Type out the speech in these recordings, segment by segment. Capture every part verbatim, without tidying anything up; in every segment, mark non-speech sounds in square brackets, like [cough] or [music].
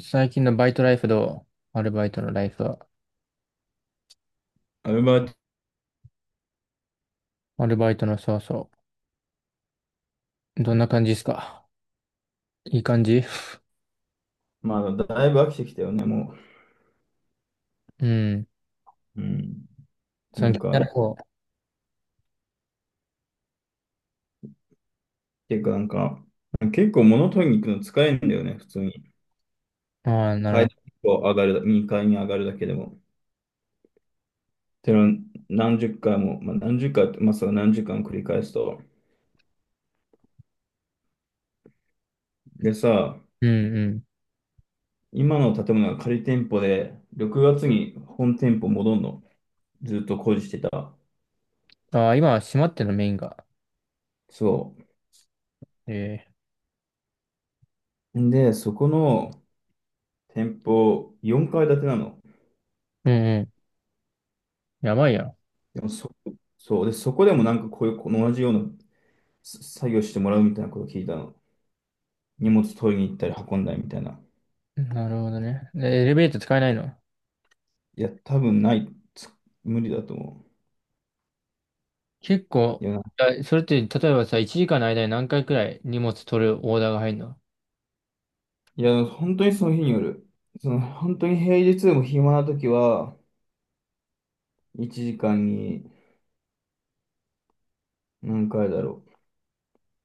最近のバイトライフどうアルバイトのライフは。アルバート、アルバイトの、そうそう。どんな感じですか？いい感じ。 [laughs] まあ、だいぶ飽きてきたよね、もうん。う。うん。そなの気んになるか、方。ていうか、なんか、結構物取りに行くの疲れるんだよね、普通に。ああ、なるほ階段ど。を上がるだ、にかいに上がるだけでも。ての何十回も、まあ、何十回、まあ、それ何十回も繰り返すと。でさ、うんう今の建物が仮店舗で、ろくがつに本店舗戻んの。ずっと工事してた。ん。ああ、今は閉まってるの？メインが。そええ、う。で、そこの店舗、よんかい建てなの。うんうん。やばいやでもそ、そう。で、そこでもなんかこういう、この同じようなす作業してもらうみたいなことを聞いたの。荷物取りに行ったり運んだりみたいな。ん。なるほどね。でエレベーター使えないの？いや、多分ない。つ無理だと思結う。構、いや、あ、それって、例えばさ、いちじかんの間に何回くらい荷物取るオーダーが入るの？ いや、本当にその日による。その、本当に平日でも暇な時は、いちじかんに何回だろ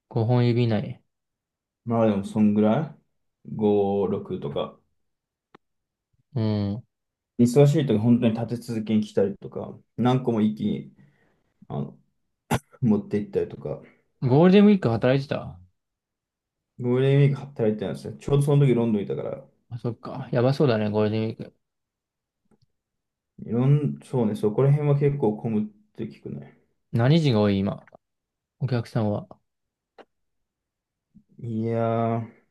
ご 本指以内？う。まあでも、そんぐらい ?ご、ろくとか。うん。忙しい時、本当に立て続けに来たりとか、何個も一気に、あの、持って行ったりとか。ゴールデンウィーク働いてた？ゴールデンウィーク働いてたんですよ。ちょうどその時ロンドンいたから。あ、そっか。やばそうだね、ゴールデンウィーク。いろん、そうね、そこら辺は結構混むって聞くね。何時が多い、今？お客さんは。いやー、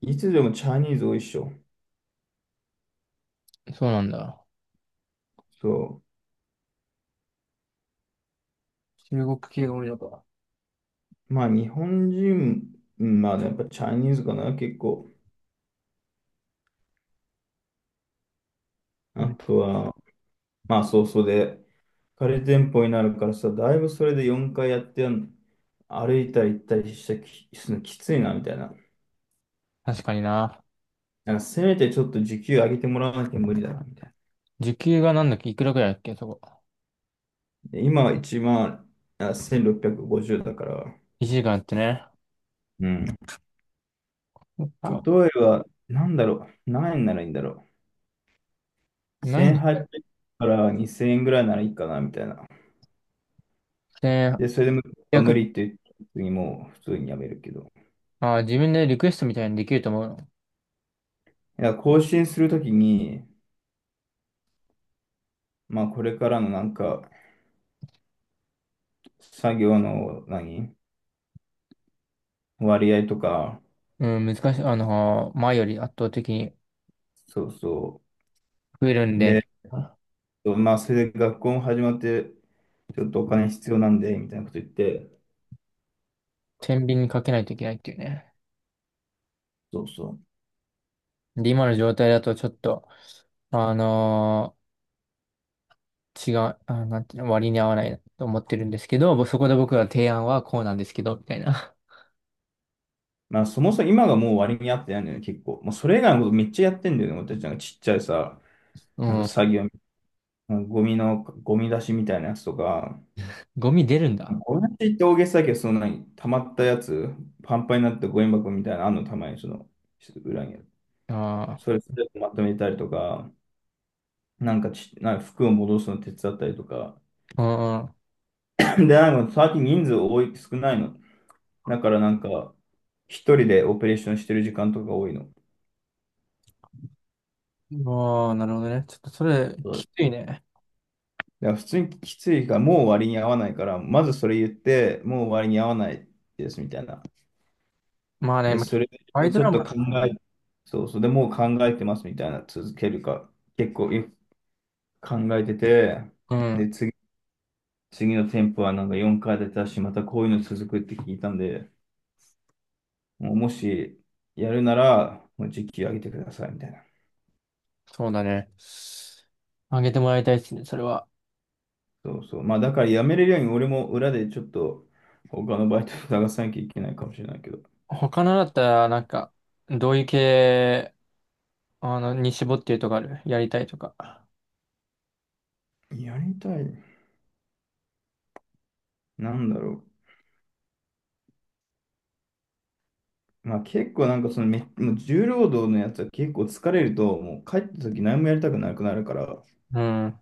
いつでもチャイニーズ多いっしょ。そうなんだ。そ中国系が多いのか。う。まあ、日本人、うんまあ、やっぱチャイニーズかな、結構。うあん、とは、まあ、そうそうで、カレー店舗になるからさ、だいぶそれでよんかいやってやん、歩いたり行ったりしたき、するのきついな、みたいな。確かにな。なんかせめてちょっと時給上げてもらわなきゃ無理だな、みたい時給がなんだっけ、いくらくらいだっけ、そこ。な。で今は1万、あ、せんろっぴゃくごじゅうだから。いちじかんってね。うん。例そっか。えば、なんだろう、何円ならいいんだろう。ないんだってせんはっぴゃくからにせんえんぐらいならいいかな、みたいな。ね。で、それでもいち 無ゼロ、理って言って普通にもう普通にやめるけど。あー、自分でリクエストみたいにできると思うの？いや、更新するときに、まあ、これからのなんか、作業の何割合とか、うん、難しい。あのー、前より圧倒的にそうそ増えるんう。で、で、まあ、それで学校も始まって、ちょっとお金必要なんで、みたいなこと言って、天秤にかけないといけないっていうね。そうそう。で、今の状態だとちょっと、あのー違う、あ、なんていうの、割に合わないと思ってるんですけど、そこで僕は提案はこうなんですけど、みたいな。まあ、そもそも今がもう割に合ってないんだよね、結構。もうそれ以外のことめっちゃやってんだよね、俺たちなんかちっちゃいさ、うなんかん、作業、ゴミの、ゴミ出しみたいなやつとか、ゴミ出るんだ。これって言って大げさだけど、その何、溜まったやつ、パンパンになったゴミ箱みたいなのあんの、たまにその、裏にある。あそあ。れ全てまとめたりとか、なんかち、なんか服を戻すの手伝ったりとか。[coughs] ああ、[clears throat] で、なんか最近人数多い、少ないの。だからなんか、一人でオペレーションしてる時間とか多いの。ああ、なるほどね。ちょっとそれ、そきうついね。だから普通にきついから、もう割に合わないから、まずそれ言って、もう割に合わないですみたいな。まあね、で、まあ、それバイをドちょラっとマ考え、そうそう、でもう考えてますみたいな、続けるか。結構、考えてて、うん、で、次、次の店舗はなんかよんかい出たし、またこういうの続くって聞いたんで、もうもしやるなら、もう時給上げてくださいみたいな。そうだね。あげてもらいたいですね、それは。そうそう。まあだから辞めれるように俺も裏でちょっと他のバイトを探さなきゃいけないかもしれないけど。他のだったら、なんか、どういう系、あの、に絞ってるとかある？やりたいとか。やりたい。なんだろう。まあ結構なんかそのめ、もう重労働のやつは結構疲れると、もう帰った時何もやりたくなくなるから、うん。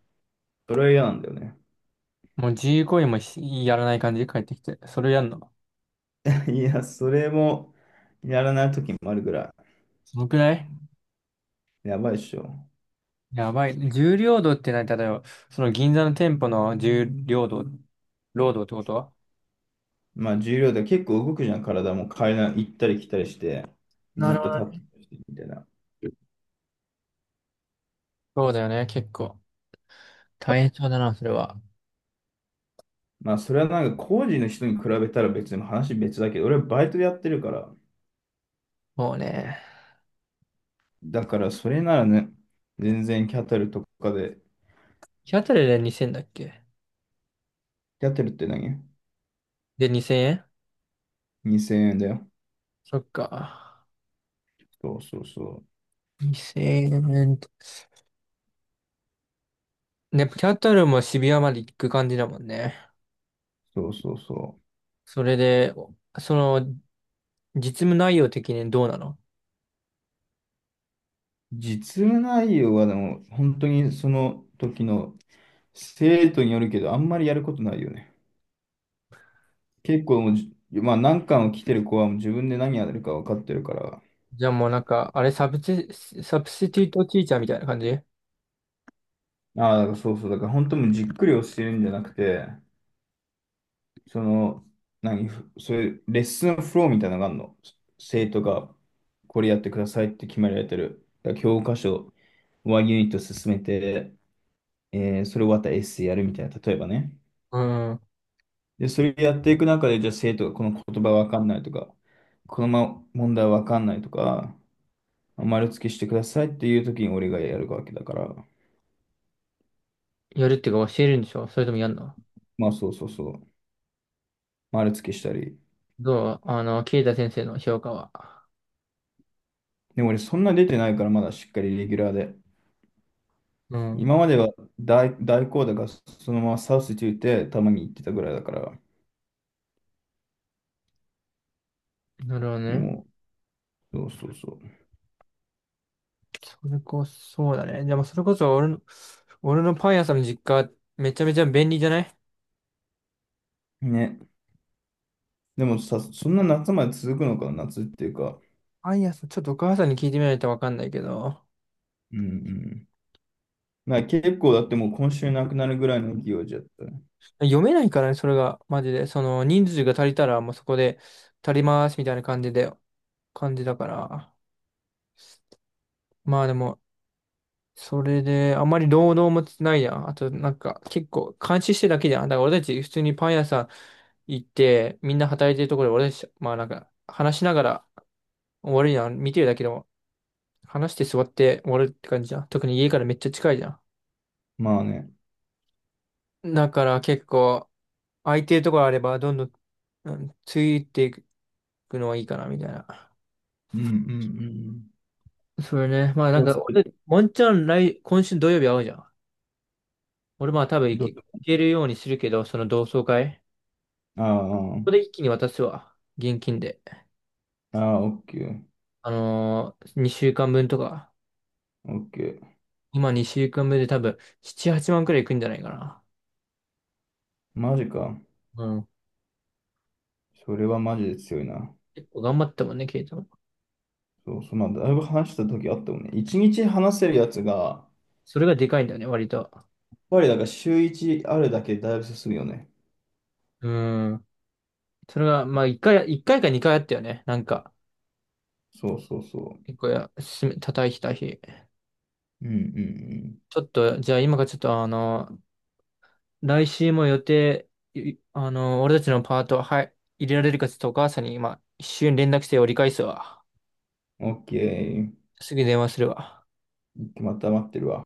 それは嫌なんだよね。もう自由行為もしやらない感じで帰ってきて。それをやるの。[laughs] いや、それもやらない時もあるぐらそのくらい？い。やばいっしょ。やばい。重労働って何、例えば、その銀座の店舗の重労働、労働ってことは。まあ重量で結構動くじゃん、体も階段行ったり来たりして、なずっるほとど立ってね。るみたいな。そうだよね、結構。大変そうだな、それは。まあそれはなんか工事の人に比べたら別に話別だけど、俺はバイトでやってるから、もうね。だからそれならね、全然キャタルとかで、日当たりでにせんだっけ？キャタルって何 で、にせんえん？ ?にせん 円だよ。そっか。そうそうそう。にせんえん。ね、キャタルも渋谷まで行く感じだもんね。そうそうそう。それで、その、実務内容的にどうなの？実務内容はでも本当にその時の生徒によるけど、あんまりやることないよね。結構もうじ、まあ何巻を来てる子はもう自分で何やるか分かってるから、じゃあもうなんか、あれサブチ、サブスティートティーチャーみたいな感じ？ああ、だからそうそう。だから本当もうじっくり教えるんじゃなくて、その、何、ふそういうレッスンフローみたいなのがあるの。生徒がこれやってくださいって決められてる。だから教科書、いちユニットユニット進めて、えーそれ終わったらエッセイやるみたいな、例えばね。うん。で、それやっていく中で、じゃあ生徒がこの言葉わかんないとか、このま問題わかんないとか、丸付けしてくださいっていう時に俺がやるわけだから、やるっていうか教えるんでしょ？それともやんの？まあそうそうそう、丸付けしたり。どう、あの、ケイタ先生の評価は。でも俺そんな出てないからまだしっかりレギュラーで。うん。今までは大、大好打がそのままサウスティーたまに行ってたぐらいだから。なるほどでね。も、そうそうそそれこそ、そうだね。でもそれこそ俺の、俺のパン屋さんの実家、めちゃめちゃ便利じゃない？う。ね。でもさ、そんな夏まで続くのか、夏っていうか。パン屋さん、ちょっとお母さんに聞いてみないとわかんないけど、うんうん。まあ結構だってもう今週なくなるぐらいの勢いじゃったね。読めないからね、それが、マジで。その、人数が足りたら、もうそこで足ります、みたいな感じで、感じだから。まあでも、それで、あまり労働もないやん。あと、なんか、結構、監視してるだけじゃん。だから俺たち、普通にパン屋さん行って、みんな働いてるところで、俺たち、まあなんか、話しながら、終わるやん。見てるだけでも話して座って終わるって感じじゃん。特に家からめっちゃ近いじゃまあね。ん。だから結構、空いてるところあれば、どんどん、うん、ついていくのはいいかな、みたいな。うんうんうんそれね。まあなんうん。そしか、て俺、もんちゃん来、今週土曜日会うじゃん。俺まあ多分行どけ、う行けるようにするけど、その同窓会。こあこで一気に渡すわ。現金で。あ、ああ、オッケー、あのー、にしゅうかんぶんとか。オッケー。今にしゅうかんぶんで多分、なな、はちまんくらいいくんじゃないかな。マジか。うん。それはマジで強いな。結構頑張ったもんね、ケイトも。そうそう、まあ、だいぶ話した時あったもんね。一日話せるやつが、やっそれがでかいんだよね、割と。ぱりだから週一あるだけでだいぶ進むよね。うん。それが、まあ、一回、一回か二回あったよね。なんか、そうそうそ結構や、すめ叩いた日。う。うんうんちょっと、じゃあ今からちょっと、あの、来週も予定、いあの、俺たちのパート、はい、入れられるかちょっとお母さんに今、一瞬連絡して折り返すわ。うん。オッケすぐ電話するわ。ー。また待ってるわ。